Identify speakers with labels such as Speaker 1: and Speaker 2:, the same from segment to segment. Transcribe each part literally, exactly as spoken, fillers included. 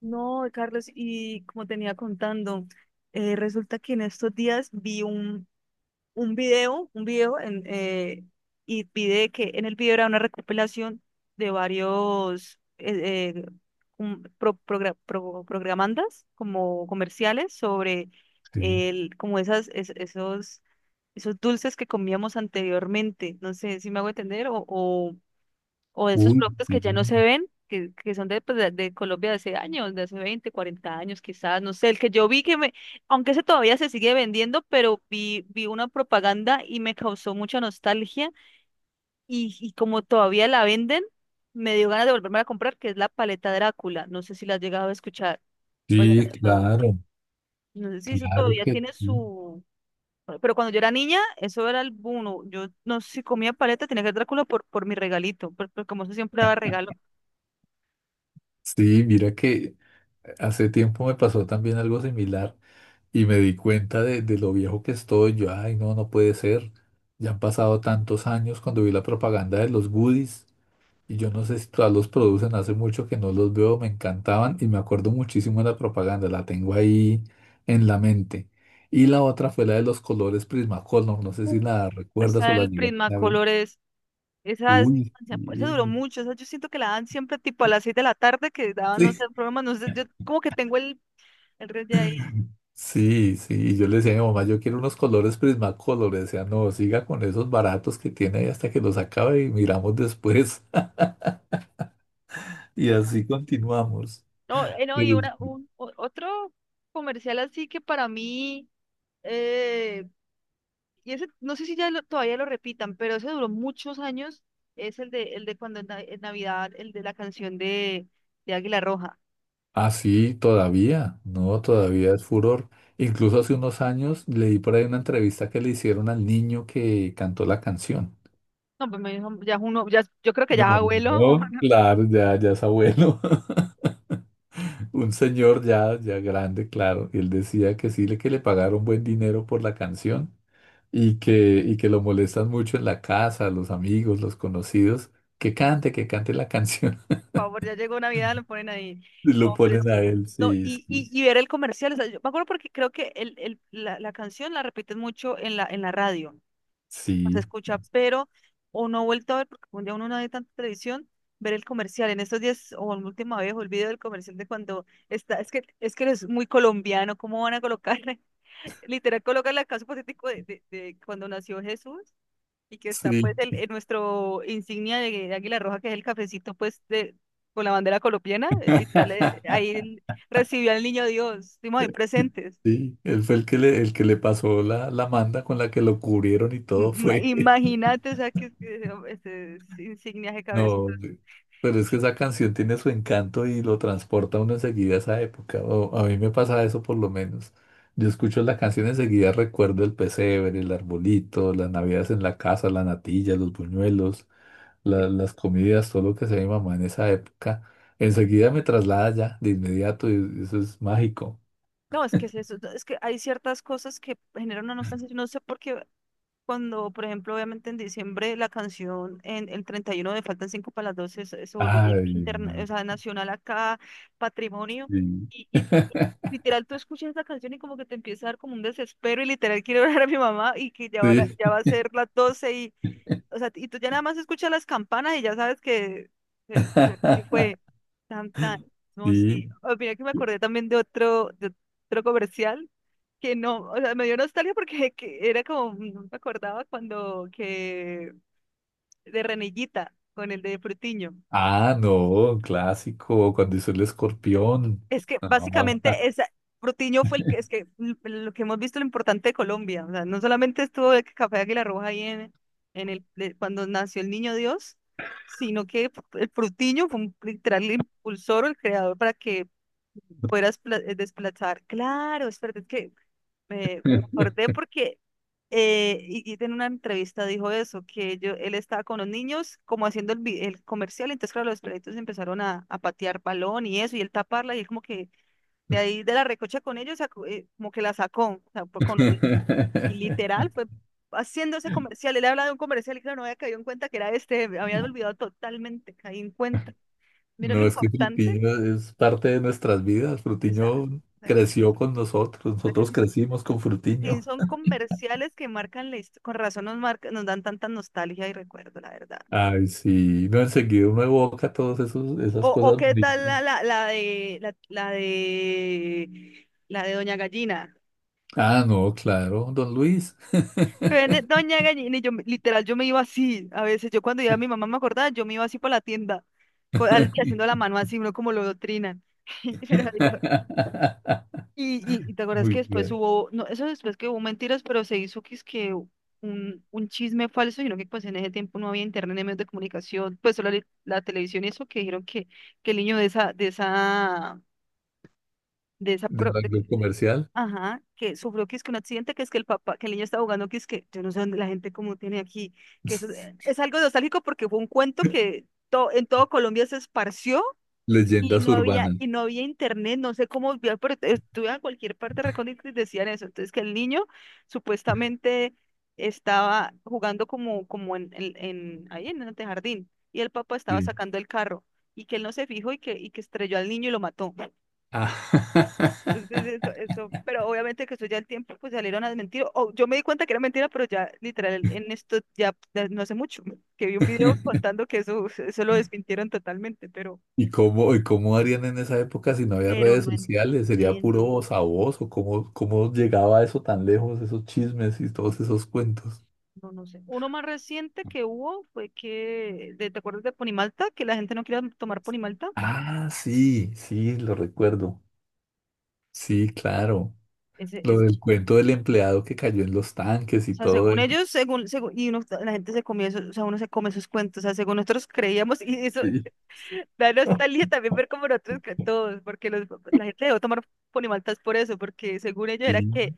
Speaker 1: No, Carlos, y como tenía contando, eh, resulta que en estos días vi un, un video, un video en, eh, y vi de que en el video era una recopilación de varios eh, eh, un- pro- progra- pro- programandas como comerciales sobre
Speaker 2: Sí.
Speaker 1: el, como esas, es- esos, esos dulces que comíamos anteriormente. No sé si me hago entender o, o de esos
Speaker 2: Uy,
Speaker 1: productos que
Speaker 2: sí,
Speaker 1: ya no se ven, que, que son de, pues, de, de Colombia de hace años, de hace veinte cuarenta años quizás, no sé, el que yo vi que me, aunque ese todavía se sigue vendiendo, pero vi, vi una propaganda y me causó mucha nostalgia y, y como todavía la venden, me dio ganas de volverme a comprar, que es la paleta Drácula, no sé si la has llegado a escuchar.
Speaker 2: sí,
Speaker 1: O
Speaker 2: claro,
Speaker 1: no sé si eso
Speaker 2: claro
Speaker 1: todavía
Speaker 2: que
Speaker 1: tiene
Speaker 2: sí.
Speaker 1: su... Pero cuando yo era niña, eso era el boom. Yo no sé si comía paleta, tenía que ser Drácula por, por mi regalito, por- por- como eso siempre daba regalo.
Speaker 2: Sí, mira que hace tiempo me pasó también algo similar y me di cuenta de, de lo viejo que estoy. Yo, ay, no, no puede ser. Ya han pasado tantos años cuando vi la propaganda de los goodies y yo no sé si todavía los producen, hace mucho que no los veo, me encantaban y me acuerdo muchísimo de la propaganda, la tengo ahí en la mente. Y la otra fue la de los colores Prismacolor, no sé si la recuerdas o
Speaker 1: Está
Speaker 2: la
Speaker 1: el
Speaker 2: llegaste a ver.
Speaker 1: Prismacolor, es, esa, es-
Speaker 2: Uy,
Speaker 1: esa
Speaker 2: sí.
Speaker 1: duró mucho, esa yo siento que la dan siempre tipo a las seis de la tarde, que daban, no sé,
Speaker 2: Sí,
Speaker 1: programas, no sé, yo como que tengo el, el red de ahí.
Speaker 2: sí, sí. Y yo le decía a mi mamá, yo quiero unos colores Prismacolor. Le decía, no, siga con esos baratos que tiene ahí hasta que los acabe y miramos después. Y
Speaker 1: No, no.
Speaker 2: así continuamos.
Speaker 1: No, eh, no, y
Speaker 2: Pero-
Speaker 1: una, un, o- otro comercial así que para mí, eh, y ese, no sé si ya lo- todavía lo repitan, pero ese duró muchos años, es el de, el de cuando en, na- en Navidad, el de la canción de, de Águila Roja.
Speaker 2: Ah, sí, todavía, no, todavía es furor. Incluso hace unos años leí por ahí una entrevista que le hicieron al niño que cantó la canción.
Speaker 1: No, pues me dijo, ya es uno, ya, es- yo creo que
Speaker 2: No,
Speaker 1: ya es abuelo.
Speaker 2: no, claro, ya, ya es abuelo. Un señor ya, ya grande, claro. Y él decía que sí, le que le pagaron buen dinero por la canción y que, y que lo molestan mucho en la casa, los amigos, los conocidos, que cante, que cante la canción.
Speaker 1: Por favor, ya llegó Navidad, lo ponen ahí.
Speaker 2: Y lo
Speaker 1: No, pero es
Speaker 2: ponen a
Speaker 1: que,
Speaker 2: él,
Speaker 1: no,
Speaker 2: sí,
Speaker 1: y,
Speaker 2: sí,
Speaker 1: y, y ver el comercial, o sea, yo me acuerdo porque creo que el, el, la, la canción la repiten mucho en la, en la radio, se escucha, pero, o no he vuelto a ver, porque un día uno no ve tanta televisión, ver el comercial, en estos días, o la última vez, o el video del comercial de cuando está, es que, es que es muy colombiano. ¿Cómo van a colocar, literal, colocar la caso hipotético de, de, de cuando nació Jesús? Y que
Speaker 2: sí.
Speaker 1: está pues
Speaker 2: Sí.
Speaker 1: el, el- nuestro insignia de de Águila Roja, que es el cafecito pues de, con la bandera colombiana, eh, literal, eh, ahí el- recibió al niño Dios, estuvimos ahí presentes.
Speaker 2: Sí, él fue el que le, el que le
Speaker 1: Sí.
Speaker 2: pasó la, la manda con la que lo cubrieron y
Speaker 1: M-
Speaker 2: todo
Speaker 1: ma-
Speaker 2: fue.
Speaker 1: Imagínate, o sea, que, que, oh, este, es insignias de cabeza.
Speaker 2: No, pero es que esa canción tiene su encanto y lo transporta a uno enseguida a esa época. O a mí me pasa eso por lo menos. Yo escucho la canción enseguida recuerdo el pesebre, el arbolito, las navidades en la casa, la natilla, los buñuelos, la- las comidas, todo lo que hacía mi mamá en esa época. Enseguida me traslada ya, de inmediato, y eso es mágico.
Speaker 1: No, es que es eso, es que hay ciertas cosas que generan una nostalgia, yo no sé por qué. Cuando, por ejemplo, obviamente en diciembre la canción en el treinta y uno de Faltan cinco para las doce se, se volvió
Speaker 2: Ay,
Speaker 1: interna- o
Speaker 2: no.
Speaker 1: sea, nacional acá, patrimonio,
Speaker 2: Sí.
Speaker 1: y, y literal tú escuchas esa canción y como que te empieza a dar como un desespero y literal quiero ver a mi mamá y que ya, ahora,
Speaker 2: Sí.
Speaker 1: ya va a ser las doce y, o sea, y tú ya nada más escuchas las campanas y ya sabes que, que, que fue tan tan. No,
Speaker 2: Sí.
Speaker 1: sí. Oh, mira que me acordé también de otro, de otro comercial que no, o sea, me dio nostalgia porque que era como, no me acordaba cuando que de Renillita con el de Frutiño.
Speaker 2: Ah, no, clásico, cuando hizo el escorpión.
Speaker 1: Es que
Speaker 2: No,
Speaker 1: básicamente esa, Protiño fue el que, es que l- lo que hemos visto lo importante de Colombia, o sea, no solamente estuvo el Café Águila Roja ahí en, en el, de- cuando nació el Niño Dios, sino que el Protiño fue un, literal el impulsor o el creador para que puedas pla- eh, desplazar. Claro, espérate, es verdad que me acordé porque eh, y, y en una entrevista dijo eso, que yo, él estaba con los niños como haciendo el, vi- el comercial, entonces claro, los perritos empezaron a, a patear balón y eso, y él taparla, y él como que de ahí de la recocha con ellos, sacó, eh, como que la sacó, o sea, fue con los li- y literal fue haciendo ese comercial, él habla de un comercial y claro, no había caído en cuenta que era este, me había olvidado totalmente, caí en cuenta. Mira lo
Speaker 2: no es que
Speaker 1: importante,
Speaker 2: Frutiño es parte de nuestras vidas.
Speaker 1: o sea, o
Speaker 2: Frutiño
Speaker 1: sea, que, o
Speaker 2: creció con nosotros,
Speaker 1: sea, que
Speaker 2: nosotros
Speaker 1: sí-
Speaker 2: crecimos con
Speaker 1: sí
Speaker 2: Frutiño.
Speaker 1: son comerciales que marcan la histo- con razón nos marcan, nos dan tanta nostalgia y recuerdo, la verdad.
Speaker 2: Ay, sí, no, enseguida uno evoca todas esos, esas
Speaker 1: O, o
Speaker 2: cosas
Speaker 1: qué tal la,
Speaker 2: bonitas.
Speaker 1: la, la de la, la de la de Doña Gallina.
Speaker 2: Ah, no, claro, don Luis.
Speaker 1: Viene Doña Gallina, y yo me- literal, yo me iba así. A veces yo cuando iba a mi mamá me acordaba, yo me iba así por la tienda, co- al- haciendo la mano así, uno como lo doctrinan. Pero digo, y, y, y te acuerdas
Speaker 2: Muy
Speaker 1: que después
Speaker 2: bien.
Speaker 1: hubo, no, eso después que hubo mentiras, pero se hizo que es que un, un chisme falso, sino que pues en ese tiempo no había internet ni medios de comunicación, pues solo la, la televisión y eso, que dijeron que, que el niño de esa, de esa, de esa,
Speaker 2: Del ámbito comercial.
Speaker 1: ajá, que sufrió que es que un accidente, que es que el papá, que el niño estaba jugando, que es que yo no sé dónde la gente como tiene aquí, que eso eh, es algo nostálgico porque fue un cuento que to- en todo Colombia se esparció y
Speaker 2: Leyendas
Speaker 1: no había,
Speaker 2: urbanas.
Speaker 1: y no había internet, no sé cómo, vio, pero estuve en cualquier parte recóndita y decían eso, entonces que el niño supuestamente estaba jugando como, como en, en, en- ahí en el jardín y el papá estaba
Speaker 2: Sí.
Speaker 1: sacando el carro y que él no se fijó y que, y que estrelló al niño y lo mató.
Speaker 2: Ah.
Speaker 1: Entonces, eso, eso, pero obviamente que eso ya el tiempo, pues salieron a desmentir. O yo me di cuenta que era mentira, pero ya literal en esto ya, ya no hace mucho que vi un video contando que eso, eso lo desmintieron totalmente, pero,
Speaker 2: ¿Y cómo, y cómo harían en esa época si no había
Speaker 1: pero
Speaker 2: redes
Speaker 1: no
Speaker 2: sociales? ¿Sería
Speaker 1: entiendo,
Speaker 2: puro voz a voz? ¿O cómo, cómo llegaba eso tan lejos, esos chismes y todos esos cuentos?
Speaker 1: no, no sé. Uno más reciente que hubo fue que, de- ¿te acuerdas de Ponimalta? Que la gente no quería tomar Ponimalta.
Speaker 2: Ah, sí, sí, lo recuerdo.
Speaker 1: Sí.
Speaker 2: Sí, claro.
Speaker 1: Ese,
Speaker 2: Lo
Speaker 1: es, o
Speaker 2: del cuento del empleado que cayó en los tanques y
Speaker 1: sea,
Speaker 2: todo
Speaker 1: según
Speaker 2: eso.
Speaker 1: ellos, según, según, y uno, la gente se comía eso, o sea, uno se come esos cuentos, o sea, según nosotros creíamos, y eso,
Speaker 2: Sí,
Speaker 1: da nostalgia también ver como nosotros que todos, porque los, la gente dejó tomar Fonimaltas por eso, porque según ellos era
Speaker 2: sí,
Speaker 1: que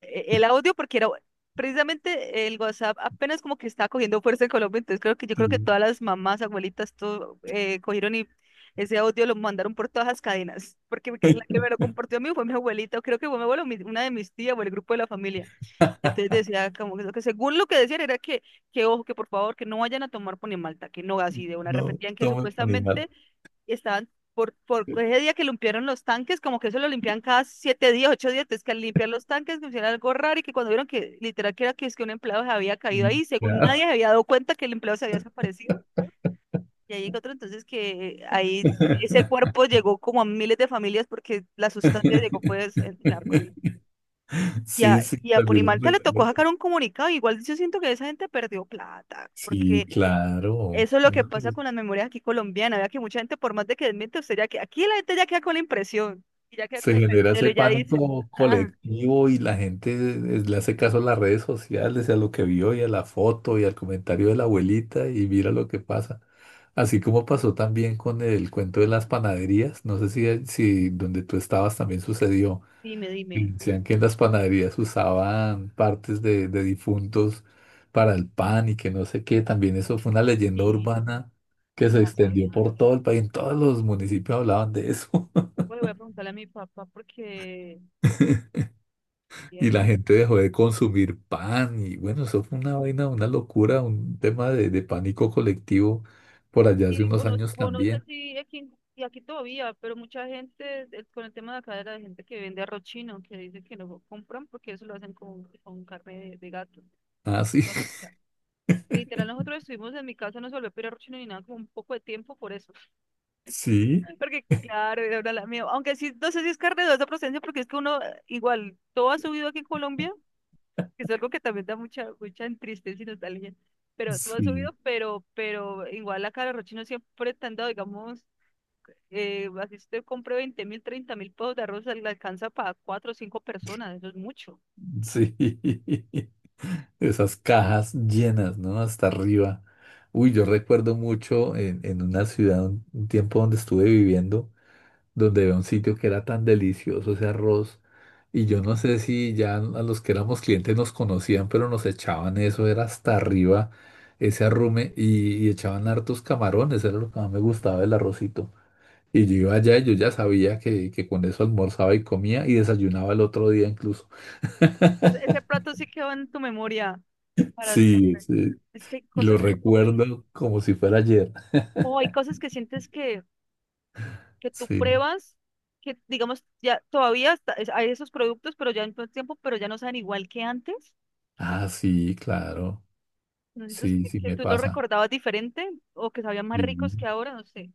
Speaker 1: eh, el audio, porque era precisamente el WhatsApp apenas como que estaba cogiendo fuerza en Colombia, entonces creo que yo creo que
Speaker 2: sí.
Speaker 1: todas las mamás, abuelitas, todo eh, cogieron y ese audio lo mandaron por todas las cadenas, porque que- la que me lo compartió a mí fue mi abuelita, o creo que fue mi abuelo, mi- una de mis tías o el grupo de la familia. Entonces decía como que, que según lo que decían era que que ojo, que por favor, que no vayan a tomar Ponimalta, que no, así de una
Speaker 2: No,
Speaker 1: repetían que
Speaker 2: somos animal.
Speaker 1: supuestamente y estaban por, por ese día que limpiaron los tanques, como que eso lo limpian cada siete días, ocho días, entonces que al limpiar los tanques que hicieron algo raro y que cuando vieron que literal que era que es que un empleado se había caído ahí, según
Speaker 2: Ya.
Speaker 1: nadie se había dado cuenta que el empleado se había desaparecido, y ahí llegó otro, entonces que ahí ese cuerpo llegó como a miles de familias porque la sustancia llegó pues en la Apurímac. Y
Speaker 2: Sí,
Speaker 1: a,
Speaker 2: sí,
Speaker 1: y a
Speaker 2: también, lo
Speaker 1: Ponimalta le tocó
Speaker 2: recuerdo.
Speaker 1: sacar un comunicado, igual yo siento que esa gente perdió plata,
Speaker 2: Sí,
Speaker 1: porque
Speaker 2: claro,
Speaker 1: eso es lo que
Speaker 2: ¿no?
Speaker 1: pasa
Speaker 2: Pues,
Speaker 1: con las memorias aquí colombianas. Vea que mucha gente, por más de que desmiente, usted ya que aquí la gente ya queda con la impresión y ya queda
Speaker 2: se
Speaker 1: con el
Speaker 2: genera
Speaker 1: cancelo
Speaker 2: ese
Speaker 1: y ya dice,
Speaker 2: pánico
Speaker 1: ah,
Speaker 2: colectivo y la gente es- le hace caso a las redes sociales, y a lo que vio y a la foto y al comentario de la abuelita y mira lo que pasa. Así como pasó también con el cuento de las panaderías, no sé si, si donde tú estabas también sucedió.
Speaker 1: dime,
Speaker 2: Y
Speaker 1: dime.
Speaker 2: decían que en las panaderías usaban partes de, de difuntos para el pan y que no sé qué. También eso fue una leyenda
Speaker 1: Sí,
Speaker 2: urbana
Speaker 1: yo no
Speaker 2: que
Speaker 1: me
Speaker 2: se
Speaker 1: la
Speaker 2: extendió
Speaker 1: sabía.
Speaker 2: por todo el país. En todos los municipios hablaban de eso.
Speaker 1: Voy, voy a preguntarle a mi papá porque, eh,
Speaker 2: Y la gente dejó de consumir pan. Y bueno, eso fue una vaina, una locura, un tema de, de pánico colectivo por allá hace
Speaker 1: sí, o
Speaker 2: unos
Speaker 1: no,
Speaker 2: años
Speaker 1: o no sé
Speaker 2: también.
Speaker 1: si aquí, en- y aquí todavía, pero mucha gente eh, con el tema de acá de la gente que vende arroz chino, que dice que no compran porque eso lo hacen con, con carne de, de gato.
Speaker 2: Ah, sí.
Speaker 1: O sea, literal, nosotros estuvimos en mi casa, no se volvió a pedir arroz chino ni nada, como un poco de tiempo por eso.
Speaker 2: Sí,
Speaker 1: Porque claro, era una la mía. Aunque sí, no sé si es carne de dudosa procedencia, porque es que uno eh, igual todo ha subido aquí en Colombia, que es algo que también da mucha, mucha tristeza y nostalgia. Pero todo ha
Speaker 2: sí.
Speaker 1: subido, pero, pero igual la cara de rochino siempre te han dado, digamos, eh, así usted compre veinte mil, treinta mil pesos de arroz, le alcanza para cuatro o cinco personas, eso es mucho.
Speaker 2: Sí, esas cajas llenas, ¿no? Hasta arriba. Uy, yo recuerdo mucho en, en una ciudad, un un tiempo donde estuve viviendo, donde había un sitio que era tan delicioso ese arroz. Y yo no sé si ya a los que éramos clientes nos conocían, pero nos echaban eso, era hasta arriba ese arrume y, y echaban hartos camarones, era lo que más me gustaba del arrocito. Y yo iba allá y yo ya sabía que, que con eso almorzaba y comía y desayunaba el otro día incluso.
Speaker 1: Pues, ese plato sí quedó en tu memoria para
Speaker 2: Sí,
Speaker 1: siempre.
Speaker 2: sí,
Speaker 1: Es que hay
Speaker 2: y lo
Speaker 1: cosas, hay, co-
Speaker 2: recuerdo como si fuera ayer.
Speaker 1: oh, hay cosas que sientes que que tú
Speaker 2: Sí.
Speaker 1: pruebas, que digamos, ya todavía está- es- hay esos productos, pero ya en todo el tiempo, pero ya no saben igual que antes.
Speaker 2: Ah, sí, claro.
Speaker 1: ¿No sientes
Speaker 2: Sí,
Speaker 1: que,
Speaker 2: sí
Speaker 1: que
Speaker 2: me
Speaker 1: tú los
Speaker 2: pasa.
Speaker 1: recordabas diferente o que sabían más ricos
Speaker 2: Sí.
Speaker 1: que ahora? No sé.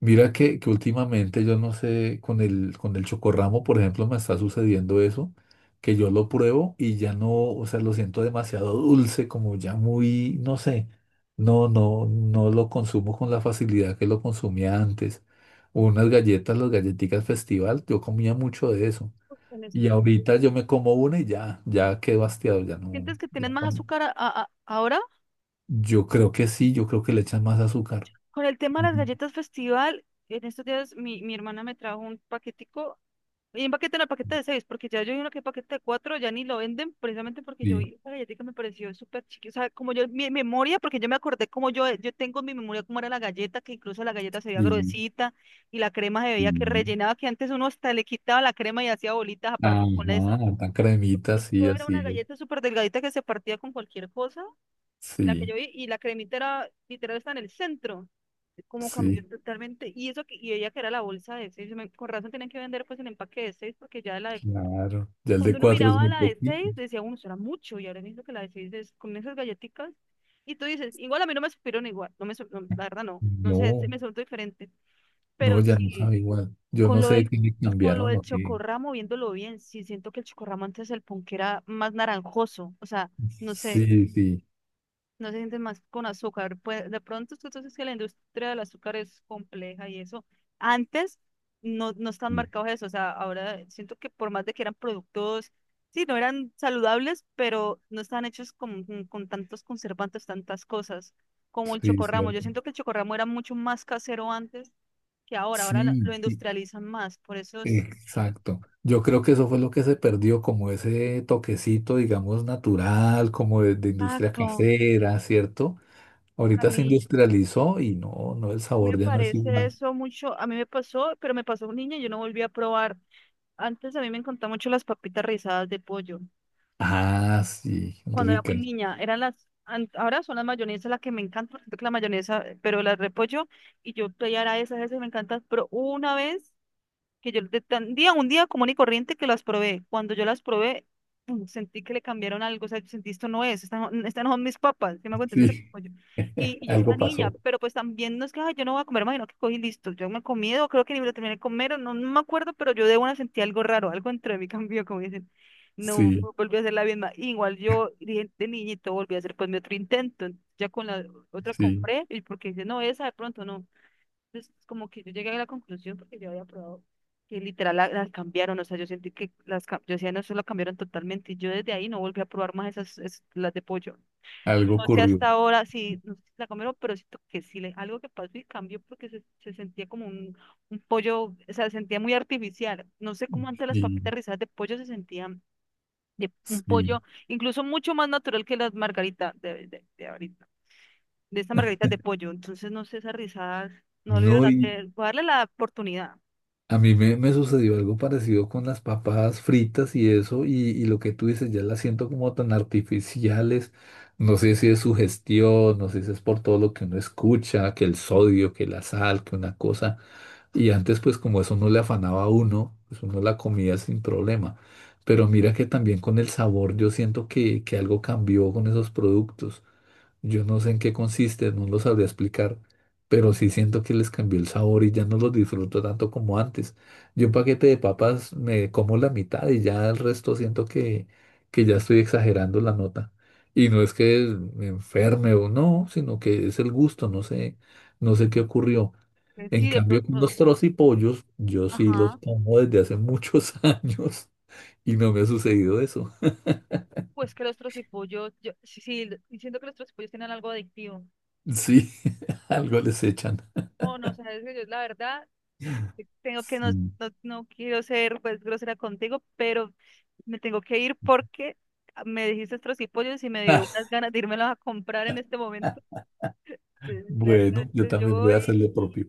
Speaker 2: Mira que, que últimamente yo no sé, con el, con el chocorramo, por ejemplo, me está sucediendo eso, que yo lo pruebo y ya no, o sea, lo siento demasiado dulce, como ya muy, no sé, no, no, no lo consumo con la facilidad que lo consumía antes. Unas galletas, las galletitas festival, yo comía mucho de eso.
Speaker 1: En
Speaker 2: Y
Speaker 1: estos días.
Speaker 2: ahorita yo me como una y ya, ya quedo hastiado, ya no.
Speaker 1: ¿Sientes que tienes
Speaker 2: Ya
Speaker 1: más
Speaker 2: con-
Speaker 1: azúcar a- a- a- ahora?
Speaker 2: Yo creo que sí, yo creo que le echan más azúcar.
Speaker 1: Con el tema de las
Speaker 2: Ujú.
Speaker 1: galletas festival, en estos días mi, mi hermana me trajo un paquetico. Y empaqueten el paquete de seis, porque ya yo vi uno que es paquete de cuatro, ya ni lo venden, precisamente porque yo
Speaker 2: Sí,
Speaker 1: vi la galletica me pareció súper chiquita. O sea, como yo, mi memoria, porque yo me acordé como yo, eh, yo tengo en mi memoria cómo era la galleta, que incluso la galleta se veía
Speaker 2: sí,
Speaker 1: gruesita y la crema se veía que
Speaker 2: sí.
Speaker 1: rellenaba, que antes uno hasta le quitaba la crema y hacía bolitas aparte con eso.
Speaker 2: Ajá, tan cremita, sí,
Speaker 1: Esto era
Speaker 2: así
Speaker 1: una
Speaker 2: es.
Speaker 1: galleta súper delgadita que se partía con cualquier cosa, la que
Speaker 2: Sí,
Speaker 1: yo vi, y la cremita era, literal, está en el centro. Cómo cambió
Speaker 2: sí,
Speaker 1: totalmente. Y eso que, y ella que era la bolsa de seis, yo me- con razón tenían que vender pues el empaque de seis, porque ya la de
Speaker 2: claro. Ya el de
Speaker 1: cuando uno
Speaker 2: cuatro es
Speaker 1: miraba
Speaker 2: muy
Speaker 1: la de
Speaker 2: poquito.
Speaker 1: seis decía, uno, será mucho, y ahora visto que la de seis es con esas galletitas, y tú dices, igual a mí no me supieron igual, no me, sup- no, la verdad no, no sé, se
Speaker 2: No,
Speaker 1: me soltó diferente,
Speaker 2: no,
Speaker 1: pero
Speaker 2: ya no
Speaker 1: sí,
Speaker 2: sabe igual. Yo
Speaker 1: con
Speaker 2: no
Speaker 1: lo
Speaker 2: sé
Speaker 1: del,
Speaker 2: qué le
Speaker 1: con lo
Speaker 2: cambiaron
Speaker 1: del
Speaker 2: o qué.
Speaker 1: chocorramo, viéndolo bien, sí siento que el chocorramo antes el punk era más naranjoso, o sea, no sé,
Speaker 2: Sí, sí,
Speaker 1: no se sienten más con azúcar. Pues de pronto es que entonces que la industria del azúcar es compleja y eso. Antes no, no están
Speaker 2: sí,
Speaker 1: marcados eso, o sea, ahora siento que por más de que eran productos, sí, no eran saludables, pero no estaban hechos con, con con tantos conservantes, tantas cosas como el
Speaker 2: sí,
Speaker 1: chocorramo. Yo
Speaker 2: cierto.
Speaker 1: siento que el chocorramo era mucho más casero antes que ahora, ahora la-
Speaker 2: Sí,
Speaker 1: lo
Speaker 2: sí.
Speaker 1: industrializan más, por eso es...
Speaker 2: Exacto. Yo creo que eso fue lo que se perdió, como ese toquecito, digamos, natural, como de, de industria
Speaker 1: Exacto,
Speaker 2: casera, ¿cierto?
Speaker 1: a
Speaker 2: Ahorita se
Speaker 1: mí
Speaker 2: industrializó y no, no, el sabor
Speaker 1: me
Speaker 2: ya no es
Speaker 1: parece
Speaker 2: igual.
Speaker 1: eso mucho, a mí me pasó, pero me pasó un niño, y yo no volví a probar. Antes a mí me encantaban mucho las papitas rizadas de pollo.
Speaker 2: Ah, sí,
Speaker 1: Cuando era
Speaker 2: rica.
Speaker 1: muy niña, eran las, an- ahora son las mayonesas las que me encantan, porque la mayonesa, pero las repollo, y yo pedía era esas, esas me encantan, pero una vez que yo de tan día, un día común y corriente que las probé. Cuando yo las probé, pum, sentí que le cambiaron algo, o sea, yo sentí esto no es, estas no, estas no son mis papas, ¿sí me hago entender?
Speaker 2: Sí,
Speaker 1: Pues yo... Y, y yo estaba
Speaker 2: algo
Speaker 1: niña,
Speaker 2: pasó.
Speaker 1: pero pues también no es que "Ay, yo no voy a comer más", sino que cogí y listo, yo me he comido, creo que ni me lo terminé de comer, o no, no me acuerdo, pero yo de una sentí algo raro, algo dentro de mí cambió, como dicen. No
Speaker 2: Sí,
Speaker 1: vu- Volví a hacer la misma. Igual yo dije de niñito, volví a hacer pues mi otro intento. Ya con la otra
Speaker 2: sí,
Speaker 1: compré, y porque dije, no, esa de pronto no. Entonces, como que yo llegué a la conclusión porque yo había probado que literal la- las cambiaron, o sea, yo sentí que las, cam yo decía, no, eso lo cambiaron totalmente y yo desde ahí no volví a probar más esas, es- las de pollo.
Speaker 2: algo
Speaker 1: No sé
Speaker 2: ocurrió.
Speaker 1: hasta ahora, sí, no sé si la comieron pero siento que sí, le, algo que pasó y cambió porque se, se sentía como un, un pollo, o sea, se sentía muy artificial. No sé cómo antes las
Speaker 2: Sí,
Speaker 1: papitas rizadas de pollo se sentían de un pollo,
Speaker 2: sí.
Speaker 1: incluso mucho más natural que las margaritas de, de, de ahorita de estas margaritas de pollo. Entonces, no sé, esas rizadas no volvieron
Speaker 2: No,
Speaker 1: a hacer. Voy a darle la oportunidad.
Speaker 2: a mí me, me sucedió algo parecido con las papas fritas y eso, y, y lo que tú dices, ya las siento como tan artificiales. No sé si es su gestión, no sé si es por todo lo que uno escucha, que el sodio, que la sal, que una cosa. Y antes, pues como eso no le afanaba a uno, pues uno la comía sin problema. Pero mira que también con el sabor yo siento que, que algo cambió con esos productos. Yo no sé en qué consiste, no lo sabría explicar, pero sí siento que les cambió el sabor y ya no los disfruto tanto como antes. Yo un paquete de papas me como la mitad y ya el resto siento que, que ya estoy exagerando la nota. Y no es que me enferme o no, sino que es el gusto, no sé, no sé qué ocurrió.
Speaker 1: Eh,
Speaker 2: En
Speaker 1: Sí, de
Speaker 2: cambio, con
Speaker 1: pronto.
Speaker 2: los trocipollos, yo sí los
Speaker 1: Ajá.
Speaker 2: como desde hace muchos años y no me ha sucedido eso.
Speaker 1: Pues que los trocipollos, yo, sí, sí, y siento que los trocipollos tienen algo adictivo.
Speaker 2: Sí, algo les echan.
Speaker 1: Oh, no, sabes que yo la verdad te- tengo que no,
Speaker 2: Sí.
Speaker 1: no, no quiero ser pues grosera contigo, pero me tengo que ir porque me dijiste trocipollos y me dio unas ganas de irmelos a comprar en este momento. Entonces, la verdad,
Speaker 2: Bueno, yo
Speaker 1: entonces yo
Speaker 2: también voy a
Speaker 1: voy.
Speaker 2: hacer lo propio.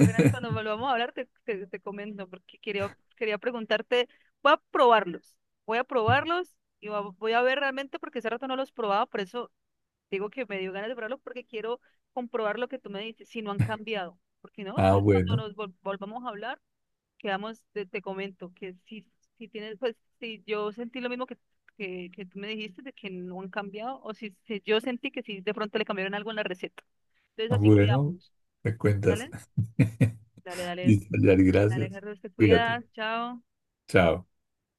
Speaker 1: Verás, cuando volvamos a hablar te, te, te comento porque quería, quería preguntarte, voy a probarlos, voy a probarlos y va- voy a ver realmente porque hace rato no los probaba, por eso digo que me dio ganas de probarlos porque quiero comprobar lo que tú me dices, si no han cambiado, porque no,
Speaker 2: Ah,
Speaker 1: entonces cuando
Speaker 2: bueno,
Speaker 1: nos vol- volvamos a hablar, quedamos, te, te comento que si, si tienes, pues si yo sentí lo mismo que, que, que tú me dijiste de que no han cambiado o si, si yo sentí que sí de pronto le cambiaron algo en la receta, entonces así
Speaker 2: bueno,
Speaker 1: quedamos,
Speaker 2: me cuentas.
Speaker 1: ¿vale? Dale, dale
Speaker 2: Listo, Yari,
Speaker 1: dale
Speaker 2: gracias.
Speaker 1: Alejandro, te
Speaker 2: Cuídate.
Speaker 1: cuidas, chao.
Speaker 2: Chao.